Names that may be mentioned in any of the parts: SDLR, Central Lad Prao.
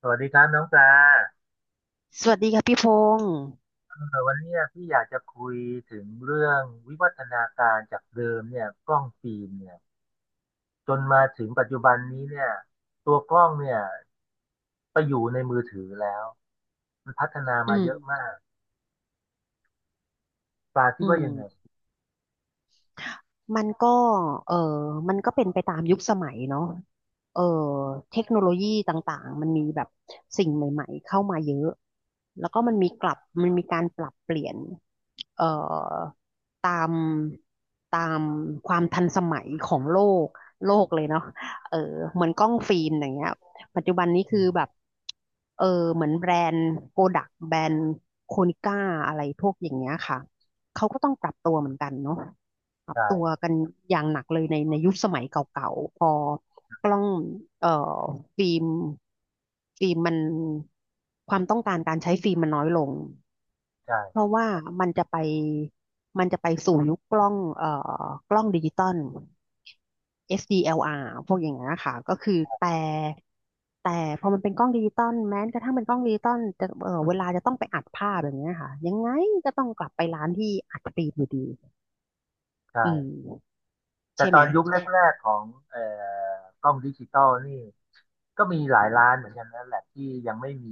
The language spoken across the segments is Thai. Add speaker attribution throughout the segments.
Speaker 1: สวัสดีครับน้องปลา
Speaker 2: สวัสดีค่ะพี่พงษ์
Speaker 1: เอวันนี้พี่อยากจะคุยถึงเรื่องวิวัฒนาการจากเดิมเนี่ยกล้องฟิล์มเนี่ยจนมาถึงปัจจุบันนี้เนี่ยตัวกล้องเนี่ยไปอยู่ในมือถือแล้วมันพัฒนา
Speaker 2: อื
Speaker 1: มาเยอะ
Speaker 2: ม
Speaker 1: มากปลาคิด
Speaker 2: อื
Speaker 1: ว่า
Speaker 2: ม
Speaker 1: ยังไง
Speaker 2: มันก็เออมันก็เป็นไปตามยุคสมัยเนาะเออเทคโนโลยีต่างๆมันมีแบบสิ่งใหม่ๆเข้ามาเยอะ แล้วก็มันมีกลับมันมีการปรับเปลี่ยนเอ่อตามตามความทันสมัยของโลกเลยเนาะเออเหมือนกล้องฟิล์มอย่างเงี้ยปัจจุบันนี้
Speaker 1: อื
Speaker 2: คือ
Speaker 1: ม
Speaker 2: แบบเออเหมือนแบรนด์โกดักแบรนด์โคนิก้าอะไรพวกอย่างเงี้ยค่ะ เขาก็ต้องปรับตัวเหมือนกันเนาะปรับ
Speaker 1: ใช่
Speaker 2: ตัวกันอย่างหนักเลยในยุคสมัยเก่าๆพอกล้องเอ่อฟิล์มมันความต้องการการใช้ฟิล์มมันน้อยลง
Speaker 1: ใช่
Speaker 2: เพราะว่ามันจะไปมันจะไปสู่ยุคกล้องกล้องดิจิตอล SDLR พวกอย่างเงี้ยค่ะก็คือแต่พอมันเป็นกล้องดิจิตอลแม้กระทั่งเป็นกล้องดิจิตอลจะเวลาจะต้องไปอัดภาพอย่างเงี้ยค่ะยังไงก็ต้องกลับไปร้านที่อัดฟิล์มอยู่ดีอืม
Speaker 1: ใช่ แต่
Speaker 2: ใช่
Speaker 1: ต
Speaker 2: ไห
Speaker 1: อ
Speaker 2: ม
Speaker 1: นยุคแรกๆของเอ่อกล้องดิจิตอลนี่ก็มีหลายร้านเหมือนกันนั่นแหละที่ยังไม่มี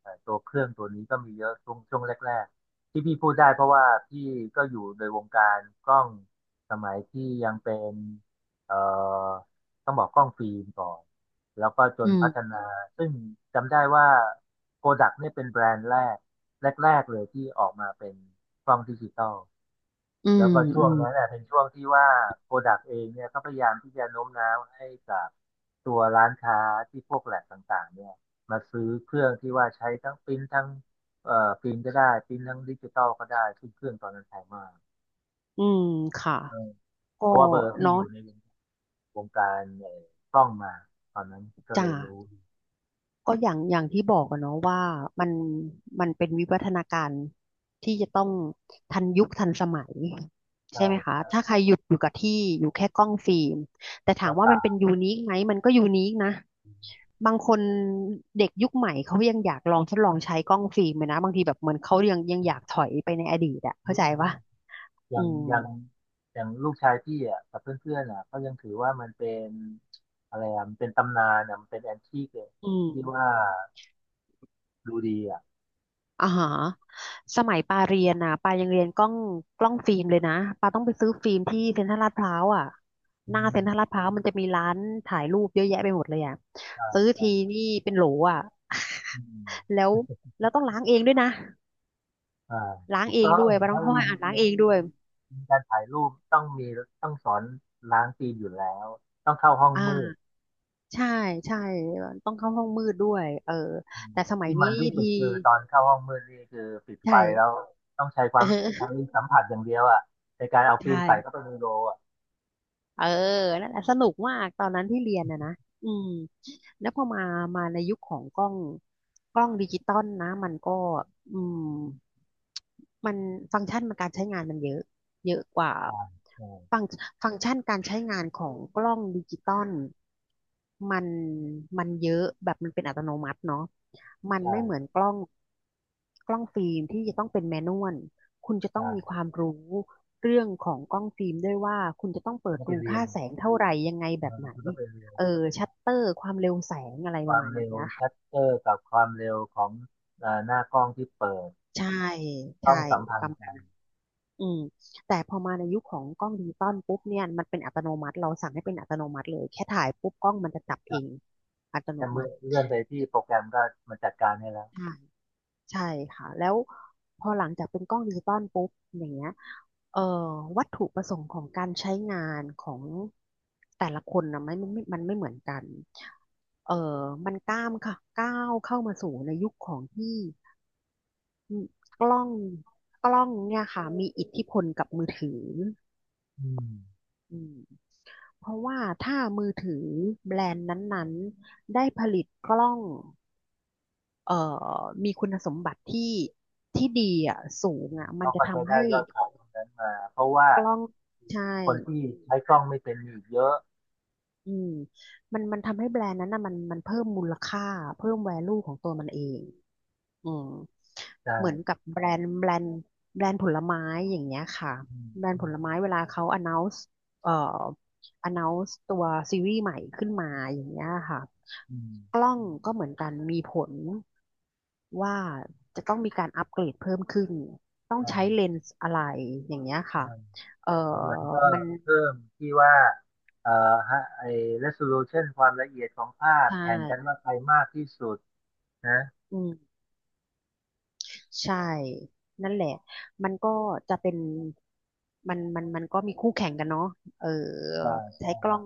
Speaker 1: ตัวเครื่องตัวนี้ก็มีเยอะช่วงแรกๆที่พี่พูดได้เพราะว่าพี่ก็อยู่ในวงการกล้องสมัยที่ยังเป็นเอ่อต้องบอกกล้องฟิล์มก่อนแล้วก็จ
Speaker 2: อื
Speaker 1: น
Speaker 2: ม
Speaker 1: พัฒนาซึ่งจำได้ว่าโ o ดักเนี่ยเป็นแบรนด์แรกแรกๆเลยที่ออกมาเป็นกล้องดิจิตอล
Speaker 2: อื
Speaker 1: แล้
Speaker 2: ม
Speaker 1: วก็ช่
Speaker 2: อื
Speaker 1: วง
Speaker 2: ม
Speaker 1: นั้นน่ะเป็นช่วงที่ว่าโปรดักต์เองเนี่ยก็พยายามที่จะโน้มน้าวให้กับตัวร้านค้าที่พวกแหลกต่างๆเนี่ยมาซื้อเครื่องที่ว่าใช้ทั้งปริ้นทั้งปริ้นก็ได้ปริ้นทั้งดิจิตอลก็ได้ซึ่งเครื่องตอนนั้นแพงมาก
Speaker 2: อืมค่ะ
Speaker 1: เออ
Speaker 2: ก็
Speaker 1: เพราะว่าเบอร์ที่
Speaker 2: เนาะ
Speaker 1: อยู่ในวงการกล้องมาตอนนั้นก็เล
Speaker 2: จ้า
Speaker 1: ยรู้
Speaker 2: ก็อย่างที่บอกอะเนาะว่ามันมันเป็นวิวัฒนาการที่จะต้องทันยุคทันสมัย
Speaker 1: ใช่
Speaker 2: ใช่ไหมคะ
Speaker 1: ใช่
Speaker 2: ถ้าใครหยุดอยู่กับที่อยู่แค่กล้องฟิล์มแต่ถา
Speaker 1: ก็
Speaker 2: มว่ามั
Speaker 1: ตา
Speaker 2: นเป็น
Speaker 1: ม
Speaker 2: ยูนิคไหมมันก็ยูนิคนะบางคนเด็กยุคใหม่เขายังอยากลองทดลองใช้กล้องฟิล์มเลยนะบางทีแบบเหมือนเขายังอยากถอยไปในอดีตอะเข้า
Speaker 1: นิด
Speaker 2: ใจ
Speaker 1: นึง
Speaker 2: ปะ
Speaker 1: อ
Speaker 2: อื
Speaker 1: ย่าง
Speaker 2: ม
Speaker 1: อย่างอย่างลูกชายพี่อ่ะกับเพื่อนๆอ่ะเขายังถือว่ามันเป็นอะไรอ่ะมันเป็นตำนานอ่ะมันเป็นแอนทีกเลย
Speaker 2: อื
Speaker 1: ที่
Speaker 2: ม
Speaker 1: ว่าดูดีอ่ะ
Speaker 2: อ่าฮะสมัยปาเรียนนะปายังเรียนกล้องฟิล์มเลยนะปาต้องไปซื้อฟิล์มที่เซ็นทรัลลาดพร้าวอ่ะ
Speaker 1: อื
Speaker 2: หน้าเซ็
Speaker 1: ม
Speaker 2: นทรัลลาดพร้าวมันจะมีร้านถ่ายรูปเยอะแยะไปหมดเลยอ่ะ
Speaker 1: ใช่
Speaker 2: ซื้อ
Speaker 1: ใช่
Speaker 2: ทีนี่เป็นโหลอ่ะ
Speaker 1: อื ม
Speaker 2: แล้วแล้วต้องล้างเองด้วยนะ
Speaker 1: อ่า
Speaker 2: ล้าง
Speaker 1: ถูก
Speaker 2: เอง
Speaker 1: ต้อ
Speaker 2: ด้
Speaker 1: ง
Speaker 2: วยปาต้อ
Speaker 1: ถ้า
Speaker 2: งเข้าห้อ
Speaker 1: เรี
Speaker 2: ง
Speaker 1: ยน
Speaker 2: อ่านล้า
Speaker 1: เรี
Speaker 2: ง
Speaker 1: ยน
Speaker 2: เองด้
Speaker 1: เรี
Speaker 2: ว
Speaker 1: ย
Speaker 2: ย
Speaker 1: นเรียนการถ่ายรูปต้องมีต้องสอนล้างฟิล์มอยู่แล้วต้องเข้าห้องมืด
Speaker 2: อ่าใช่ใช่ต้องเข้าห้องมืดด้วยเออ
Speaker 1: อืม
Speaker 2: แต่สมัย
Speaker 1: ที่มั
Speaker 2: นี้
Speaker 1: นที่สุ
Speaker 2: ที
Speaker 1: ดคือตอนเข้าห้องมืดนี่คือปิดไฟ
Speaker 2: ใช่
Speaker 1: แล้วต้องใช้ค
Speaker 2: เอ
Speaker 1: วาม
Speaker 2: อ
Speaker 1: ใช้สัมผัสอย่างเดียวอ่ะในการเอาฟิ
Speaker 2: ใช่
Speaker 1: ล์มใส่เข้าไปในโรลอ่ะ
Speaker 2: เออนั่นแหละสนุกมากตอนนั้นที่เรียนอะนะอืมแล้วพอมา มาในยุคของกล้องดิจิตอลนะมันก็อืมมันฟังก์ชันมันการใช้งานมันเยอะเยอะกว่า
Speaker 1: อ่าใช่
Speaker 2: ฟังฟังก์ชันการใช้งานของกล้องดิจิตอลมันมันเยอะแบบมันเป็นอัตโนมัติเนาะมัน
Speaker 1: ใช่
Speaker 2: ไม่เหมือนกล้องฟิล์มที่จะต้องเป็นแมนนวล คุณจะต้องมีค
Speaker 1: ใช่
Speaker 2: วามรู้เรื่องของกล้องฟิล์มด้วยว่าคุณจะต้อง
Speaker 1: มั
Speaker 2: เปิ
Speaker 1: น
Speaker 2: ด
Speaker 1: ก็ไป
Speaker 2: รู
Speaker 1: เรีย
Speaker 2: ค่า
Speaker 1: น
Speaker 2: แสงเท่าไหร่ยังไง
Speaker 1: เอ
Speaker 2: แบบ
Speaker 1: อมั
Speaker 2: ไหน
Speaker 1: นก็ไปเรียน
Speaker 2: เออชัตเตอร์ความเร็วแสงอะไร
Speaker 1: ค
Speaker 2: ประ
Speaker 1: วาม
Speaker 2: มาณ
Speaker 1: เร็
Speaker 2: นี้
Speaker 1: ว
Speaker 2: นะคะ
Speaker 1: ชัตเตอร์กับความเร็วของหน้ากล้องที่เปิด
Speaker 2: ใช่
Speaker 1: ต้
Speaker 2: ใช่
Speaker 1: องสัมพัน
Speaker 2: ประ
Speaker 1: ธ์
Speaker 2: มา
Speaker 1: กั
Speaker 2: ณ
Speaker 1: น
Speaker 2: อืมแต่พอมาในยุคของกล้องดิจิตอลปุ๊บเนี่ยมันเป็นอัตโนมัติเราสั่งให้เป็นอัตโนมัติเลยแค่ถ่ายปุ๊บกล้องมันจะจับ
Speaker 1: ค
Speaker 2: เอ
Speaker 1: รับ
Speaker 2: งอัตโน
Speaker 1: แค่เมื่
Speaker 2: มั
Speaker 1: อ
Speaker 2: ติ
Speaker 1: เลื่อนไปที่โปรแกรมก็มันจัดการให้แล้ว
Speaker 2: ใช่ค่ะแล้วพอหลังจากเป็นกล้องดิจิตอลปุ๊บอย่างเงี้ยเอ่อวัตถุประสงค์ของการใช้งานของแต่ละคนนะไม่มันไม่เหมือนกันเอ่อมันก้าวเข้ามาสู่ในยุคของที่กล้องเนี่ยค่ะมีอิทธิพลกับมือถือ
Speaker 1: อืม
Speaker 2: อืมเพราะว่าถ้ามือถือแบรนด์นั้นๆได้ผลิตกล้องเอ่อมีคุณสมบัติที่ดีอ่ะสูงอ่ะมัน
Speaker 1: เขา
Speaker 2: จะ
Speaker 1: ก็จะ
Speaker 2: ทำ
Speaker 1: ได้
Speaker 2: ให้
Speaker 1: ยอดขายตรงนั้นมา เพราะว่า
Speaker 2: กล้องใช่
Speaker 1: คนที่ใช้กล้องไม่เป็นมีอีกเยอะ
Speaker 2: อืมมันทำให้แบรนด์นั้นนะมันเพิ่มมูลค่าเพิ่มแวลูของตัวมันเองอืม
Speaker 1: ใ
Speaker 2: เหมือนกั
Speaker 1: ช่
Speaker 2: บแบรนด์ผลไม้อย่างเงี้ยค่ะ
Speaker 1: อืม
Speaker 2: แบรน
Speaker 1: อื
Speaker 2: ด์ผ
Speaker 1: ม
Speaker 2: ลไม้เวลาเขา announce เอ่อ announce ตัวซีรีส์ใหม่ขึ้นมาอย่างเงี้ยค่ะ
Speaker 1: อืม
Speaker 2: กล้องก็เหมือนกันมีผลว่าจะต้องมีการอัปเกรดเพิ่มขึ้นต้อง
Speaker 1: ใช่
Speaker 2: ใช้เลนส์อะไรอย่างเงี้ย
Speaker 1: ใช
Speaker 2: ค่ะเอ่อ
Speaker 1: ่หลังๆก็
Speaker 2: มัน
Speaker 1: เพิ่มที่ว่าเอ่อฮะไอ้ resolution ความละเอียดของภาพ
Speaker 2: ใช่
Speaker 1: แข่งกันว่าใครมากที่สุดนะ
Speaker 2: อืมใช่นั่นแหละมันก็จะเป็นมันก็มีคู่แข่งกันเนาะเออ
Speaker 1: ใช่ใช่
Speaker 2: ใช้กล้อง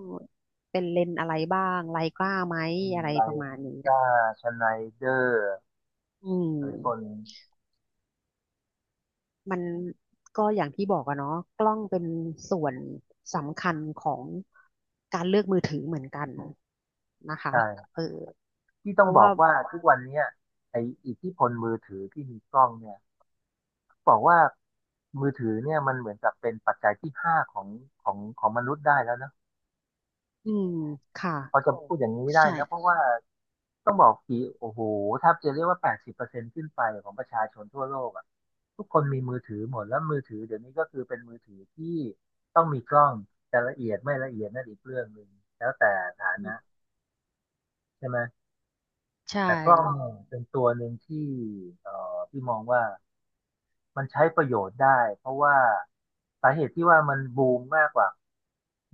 Speaker 2: เป็นเลนส์อะไรบ้างไรกล้าไหม
Speaker 1: อืม
Speaker 2: อะไร
Speaker 1: ไล
Speaker 2: ประมาณนี้
Speaker 1: ซ่าชไนเดอร์
Speaker 2: อืม
Speaker 1: หรือคน
Speaker 2: มันก็อย่างที่บอกอะเนาะกล้องเป็นส่วนสำคัญของการเลือกมือถือเหมือนกันนะคะ
Speaker 1: ใช่
Speaker 2: เออ
Speaker 1: ที่
Speaker 2: เพ
Speaker 1: ต้อง
Speaker 2: ราะ
Speaker 1: บอ
Speaker 2: ว่า
Speaker 1: กว่าทุกวันเนี้ยไออิทธิพลมือถือที่มีกล้องเนี่ยบอกว่ามือถือเนี่ยมันเหมือนกับเป็นปัจจัยที่ห้าของของมนุษย์ได้แล้วนะ
Speaker 2: อืมค่ะ
Speaker 1: พอจะพูดอย่างนี้ได้
Speaker 2: ใช่
Speaker 1: นะเพราะว่าต้องบอกกี่โอ้โหแทบจะเรียกว่า80%ขึ้นไปของประชาชนทั่วโลกอ่ะทุกคนมีมือถือหมดแล้วมือถือเดี๋ยวนี้ก็คือเป็นมือถือที่ต้องมีกล้องแต่ละเอียดไม่ละเอียดนั่นอีกเรื่องหนึ่งแล้วแต่ฐา
Speaker 2: อื
Speaker 1: นะ
Speaker 2: ม
Speaker 1: ใช่ไหม
Speaker 2: ใช่
Speaker 1: แต่กล้องเป็นตัวหนึ่งที่พี่มองว่ามันใช้ประโยชน์ได้เพราะว่าสาเหตุที่ว่ามันบูมมากกว่า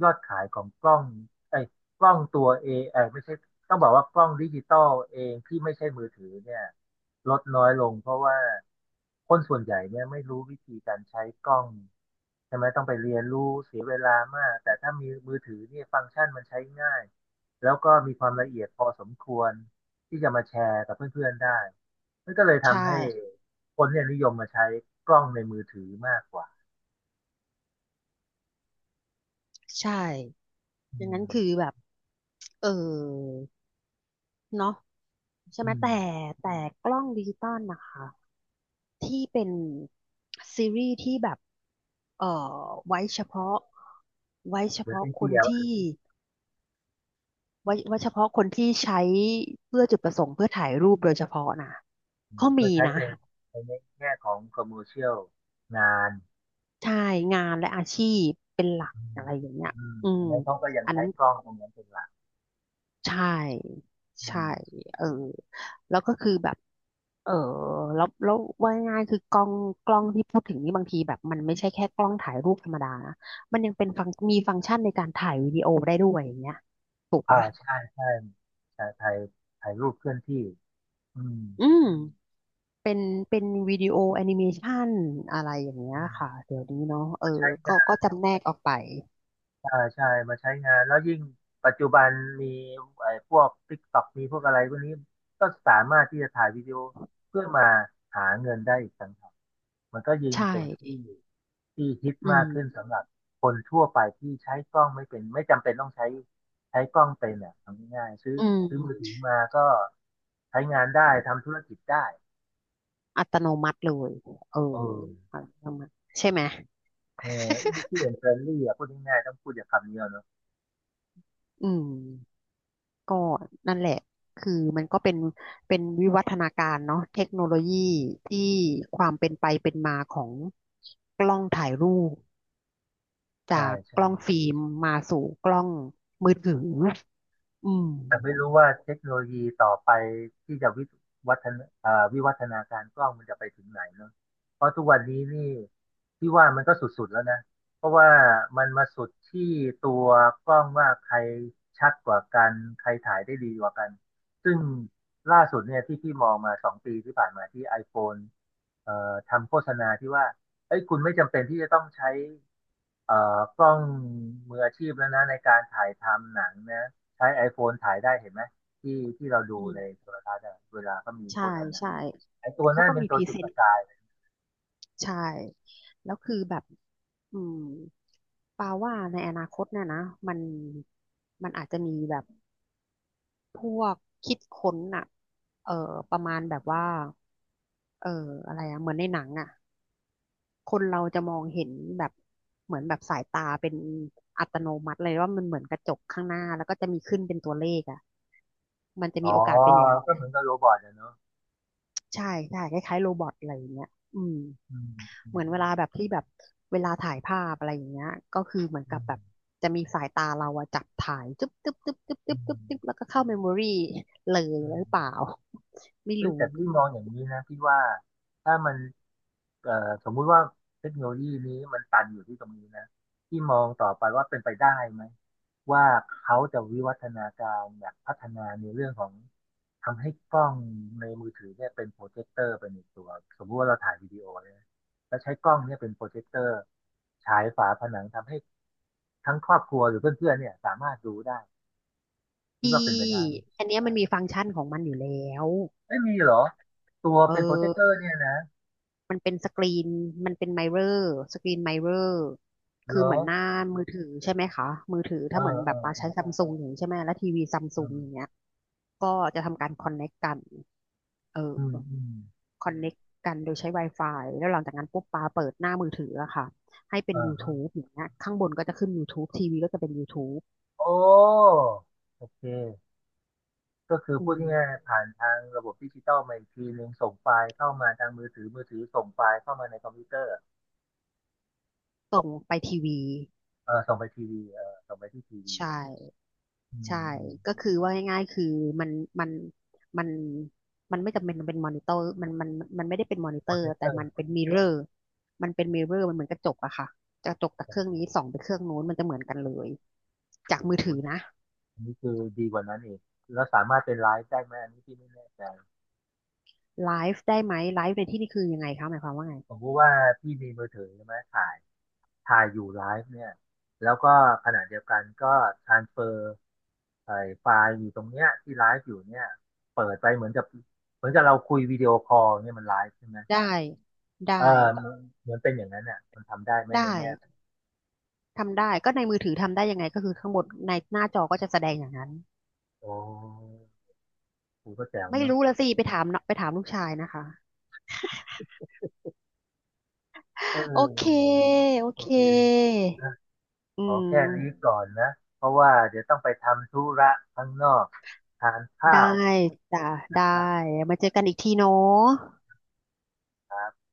Speaker 1: ยอดขายของกล้องไอ้ยกล้องตัวเอไอไม่ใช่ต้องบอกว่ากล้องดิจิตอลเองที่ไม่ใช่มือถือเนี่ยลดน้อยลงเพราะว่าคนส่วนใหญ่เนี่ยไม่รู้วิธีการใช้กล้อง ใช่ไหมต้องไปเรียนรู้เสียเวลามากแต่ถ้ามีมือถือเนี่ยฟังก์ชันมันใช้ง่ายแล้วก็มีความละเอียดพอสมควรที่จะมาแชร์กับเพื่อนๆได้มันก็เลย
Speaker 2: ใช่
Speaker 1: ทำให้คนเนี่ยนิยมมาใช้กล้องในมือถือมากกว่า
Speaker 2: ใช่
Speaker 1: อื
Speaker 2: ดังนั้
Speaker 1: ม
Speaker 2: นคือแบบเออ เนาะใช่ไหม
Speaker 1: อืม
Speaker 2: แต่กล้องดิจิตอลนะคะที่เป็นซีรีส์ที่แบบเอ่ไว้เฉพาะไว้เฉ
Speaker 1: เหมือน
Speaker 2: พาะ
Speaker 1: เป็น
Speaker 2: คน
Speaker 1: เดียว
Speaker 2: ที่ไว้ไว้เฉพาะคนที่ใช้เพื่อจุดประสงค์เพื่อถ่ายรูปโดยเฉพาะนะก็
Speaker 1: เพื่อ
Speaker 2: มี
Speaker 1: ใช้
Speaker 2: นะ
Speaker 1: เป็นในแง่ของคอมเมอร์เชียลงาน
Speaker 2: ใช่งานและอาชีพเป็นหลัก
Speaker 1: อื
Speaker 2: อะ
Speaker 1: ม
Speaker 2: ไรอย่างเงี้ย
Speaker 1: อืม
Speaker 2: อื
Speaker 1: อั
Speaker 2: ม
Speaker 1: นนั้นเขาก็ยัง
Speaker 2: อัน
Speaker 1: ใช้
Speaker 2: นั้น
Speaker 1: กล้องตรงนั้นเป็นหลัก
Speaker 2: ใช่
Speaker 1: อื
Speaker 2: ใช่
Speaker 1: ม
Speaker 2: เออแล้วก็คือแบบเออแล้วว่าง่ายๆคือกล้องที่พูดถึงนี่บางทีแบบมันไม่ใช่แค่กล้องถ่ายรูปธรรมดานะมันยังเป็นฟังมีฟังก์ชันในการถ่ายวิดีโอได้ด้วยอย่างเงี้ยถูก
Speaker 1: อ่า
Speaker 2: ปะ
Speaker 1: ใช่ใช่ใช่ถ่ายถ่ายรูปเคลื่อนที่อืม
Speaker 2: อืมเป็นเป็นวิดีโอแอนิเมชันอะไรอย่างเงี้ย
Speaker 1: อืม
Speaker 2: ค่ะเดี๋ยวนี้เนาะเออ
Speaker 1: ใช้
Speaker 2: ก็
Speaker 1: ง
Speaker 2: ก็จำแนกออกไป
Speaker 1: ใช่ใช่มาใช้งานแล้วยิ่งปัจจุบันมีไอ้พวก TikTok มีพวกอะไรพวกนี้ก็สามารถที่จะถ่ายวิดีโอเพื่อมาหาเงินได้อีกต่างหากมันก็ยิ่ง
Speaker 2: ใช
Speaker 1: เป็นที่
Speaker 2: ่
Speaker 1: ที่ฮิต
Speaker 2: อื
Speaker 1: มากขึ้น
Speaker 2: ม
Speaker 1: สำหรับคนทั่วไปที่ใช้กล้องไม่เป็นไม่จำเป็นต้องใช้ใช้กล้องเป็นเนี่ยทำง่ายๆซื้อ
Speaker 2: อืม
Speaker 1: ซื้อมือถือมาก็ใช้งานได้ทำธุรกิจได้
Speaker 2: อัตโนมัติเลยเออ
Speaker 1: เออ
Speaker 2: อัตโนมัติใช่ไหม
Speaker 1: เออ easy and friendly อ่ะพูดง่ายๆต้องพูดอย่างคำนี้อะเนอะ
Speaker 2: อืม ก็นั่นแหละคือมันก็เป็นวิวัฒนาการเนาะเทคโนโลยีที่ความเป็นไปเป็นมาของกล้องถ่ายรูป
Speaker 1: ใช่
Speaker 2: จากก
Speaker 1: ใช่
Speaker 2: ล้องฟิล์มมาสู่กล้องมือถืออืม
Speaker 1: แต่ไม่รู้ว่าเทคโนโลยีต่อไปที่จะวิวัฒนาวิวัฒนาการกล้องมันจะไปถึงไหนเนาะเพราะทุกวันนี้นี่ที่ว่ามันก็สุดๆแล้วนะ เพราะว่ามันมาสุดที่ตัวกล้องว่าใครชัดกว่ากันใครถ่ายได้ดีกว่ากัน ซึ่งล่าสุดเนี่ยที่พี่มองมา2 ปีที่ผ่านมาที่ iPhone ทำโฆษณาที่ว่าเอ้ยคุณไม่จำเป็นที่จะต้องใช้กล้องมืออาชีพแล้วนะในการถ่ายทำหนังนะ ใช้ iPhone ถ่ายได้เห็นไหมที่ที่เราดู
Speaker 2: อืม
Speaker 1: ในโทรทัศน์อะเวลาก็มีโฆ
Speaker 2: ใช่
Speaker 1: ษณา
Speaker 2: ใช่
Speaker 1: ไอ้ตัว
Speaker 2: เขา
Speaker 1: นั้น
Speaker 2: ก็
Speaker 1: เป็น
Speaker 2: มีพ
Speaker 1: ตัว
Speaker 2: รี
Speaker 1: จุ
Speaker 2: เซ
Speaker 1: ดป
Speaker 2: น
Speaker 1: ระ
Speaker 2: ต์
Speaker 1: กายเลย
Speaker 2: ใช่แล้วคือแบบอืมปาว่าในอนาคตเนี่ยนะมันมันอาจจะมีแบบ พวกคิดค้นอะเออประมาณแบบว่าเอออะไรอะเหมือนในหนังอะคนเราจะมองเห็นแบบเหมือนแบบสายตาเป็นอัตโนมัติเลยว่ามันเหมือนกระจกข้างหน้าแล้วก็จะมีขึ้นเป็นตัวเลขอะมันจะมี
Speaker 1: อ๋อ
Speaker 2: โอกาสเป็นอย่างนั้น
Speaker 1: ก็เหมือนกับโรบอทอะเนอะ
Speaker 2: ใช่ใช่คล้ายๆโรบอทอะไรอย่างเงี้ยอืม
Speaker 1: อืมอื
Speaker 2: เหมื
Speaker 1: ม
Speaker 2: อนเวลาแบบที่แบบเวลาถ่ายภาพอะไรอย่างเงี้ยก็คือเหมือน
Speaker 1: อื
Speaker 2: กับแบบ
Speaker 1: ม
Speaker 2: จะมีสายตาเราอะจับถ่ายจึ๊บจึ๊บจึ๊บจึ๊บ
Speaker 1: อื
Speaker 2: จึ๊บจึ๊บ
Speaker 1: ม
Speaker 2: จึ๊บแล้วก็เข้าเมมโมรี่เลย
Speaker 1: อื
Speaker 2: หรือเปล่า
Speaker 1: ม
Speaker 2: ไม่
Speaker 1: เฮ้ย
Speaker 2: รู้
Speaker 1: แต่พี่มองอย่างนี้นะพี่ว่าถ้ามัน เอ่อสมมุติว่าเทคโนโลยีนี้มันตันอยู่ที่ตรงนี้นะที่มองต่อไปว่าเป็นไปได้ไหมว่าเขาจะวิวัฒนาการอยากพัฒนาในเรื่องของทำให้กล้องในมือถือเนี่ยเป็นโปรเจคเตอร์ไปในตัวสมมุติว่าเราถ่ายวิดีโอเนี่ยนะแล้วใช้กล้องเนี่ยเป็นโปรเจคเตอร์ฉายฝาผนังทำให้ทั้งครอบครัวหรือเพื่อนๆเนี่ยสามารถดูได้คิดว่า
Speaker 2: ที่
Speaker 1: เป็นไปได้ไหม
Speaker 2: อันเนี้ยมันมีฟังก์ชันของมันอยู่แล้ว
Speaker 1: ไม่มีเหรอตัว
Speaker 2: เออ
Speaker 1: เป็นโปรเจคเตอร์เนี่ยนะ
Speaker 2: มันเป็นสกรีนมันเป็นไมเรอร์สกรีนไมเรอร์
Speaker 1: เหร
Speaker 2: คือ
Speaker 1: อ
Speaker 2: เหมือนหน้ามือถือใช่ไหมคะมือถือ
Speaker 1: เอ
Speaker 2: ถ้าเหมือน
Speaker 1: อเอ
Speaker 2: แบบ
Speaker 1: อ
Speaker 2: เรา
Speaker 1: เอ
Speaker 2: ใช้
Speaker 1: อ
Speaker 2: ซัมซุงอย่างนี้ใช่ไหมแล้วทีวีซัม
Speaker 1: เอ
Speaker 2: ซุง
Speaker 1: อ
Speaker 2: อย่างเงี้ยก็จะทำการคอนเน็กกันเออ
Speaker 1: อืมอืม
Speaker 2: คอนเน็กกันโดยใช้ Wi-Fi แล้วหลังจากนั้นปุ๊บปาเปิดหน้ามือถืออะค่ะให้เป็น
Speaker 1: เออ
Speaker 2: YouTube อย่างเงี้ยข้างบนก็จะขึ้น YouTube ทีวีก็จะเป็น YouTube
Speaker 1: โอ้โอเคก็คือ
Speaker 2: อื
Speaker 1: พูด
Speaker 2: ม
Speaker 1: ง่ายๆผ่านทางระบบดิจิตอลมาอีกทีนึงส่งไฟล์เข้ามาทางมือถือมือถือส่งไฟล์เข้ามาในคอมพิวเตอร์
Speaker 2: ส่งไปทีวี
Speaker 1: เออส่งไปทีวีเออส่งไปที่ทีวี
Speaker 2: ใช่
Speaker 1: อื
Speaker 2: ใช่
Speaker 1: มอืม
Speaker 2: ก็คือว่าง่ายๆคือมันมันมันมันไม่จำเป็นมันเป็นมอนิเตอร์มันไม่ได้เป็นมอนิ
Speaker 1: โป
Speaker 2: เตอ
Speaker 1: รเจ
Speaker 2: ร์
Speaker 1: ค
Speaker 2: แต่
Speaker 1: เตอ
Speaker 2: มั
Speaker 1: ร์
Speaker 2: นเป็นมิเรอร์มันเป็นมิเรอร์มันเหมือนกระจกอะค่ะกระจกจากเครื่องนี้ส่องไปเครื่องโน้นมันจะเหมือนกันเลยจาก
Speaker 1: โอ้โห
Speaker 2: มือถือนะ
Speaker 1: อันนี้คือดีกว่านั้นอีกแล้วสามารถเป็นไลฟ์ได้ไหมอันนี้พี่ไม่แน่ใจ
Speaker 2: ไลฟ์ได้ไหมไลฟ์ในที่นี่คือยังไงคะหมายความว่าไง
Speaker 1: ผมรู้ว่าพี่มีมือถือใช่ไหมถ่าย ถ่ายอยู่ไลฟ์เนี่ยแล้วก็ขณะเดียวกันก็ทรานเฟอร์ไอ้ไฟล์อยู่ตรงเนี้ยที่ไลฟ์อยู่เนี่ยเปิดไปเหมือนกับเหมือนกับเราคุยวิดีโอคอลเนี่ยมันไลฟ์ใช่ไหม
Speaker 2: ได้ได้
Speaker 1: เออมันเหมือนเป็นอย่างนั้นเนี่ยมันทำได้ไหมใน
Speaker 2: ได้
Speaker 1: แง่ของ
Speaker 2: ทำได้ก็ในมือถือทำได้ยังไงก็คือข้างบนในหน้าจอก็จะแสดงอย่างนั้น
Speaker 1: โอ้กูก็แจ๋ว
Speaker 2: ไม่
Speaker 1: เนอะ
Speaker 2: รู้ละสิไปถามลูกชายนะคะ
Speaker 1: เอ
Speaker 2: โอเค
Speaker 1: อ
Speaker 2: โอ
Speaker 1: โอ
Speaker 2: เค
Speaker 1: เคนะ
Speaker 2: อื
Speaker 1: ขอแค่นี้
Speaker 2: ม
Speaker 1: ก่อนนะเพราะว่าเดี๋ยวต้องไปทำธุระข้างนอกทาน
Speaker 2: ได้
Speaker 1: ข้าว
Speaker 2: จ้ะได้มาเจอกันอีกทีเนาะ
Speaker 1: ครับ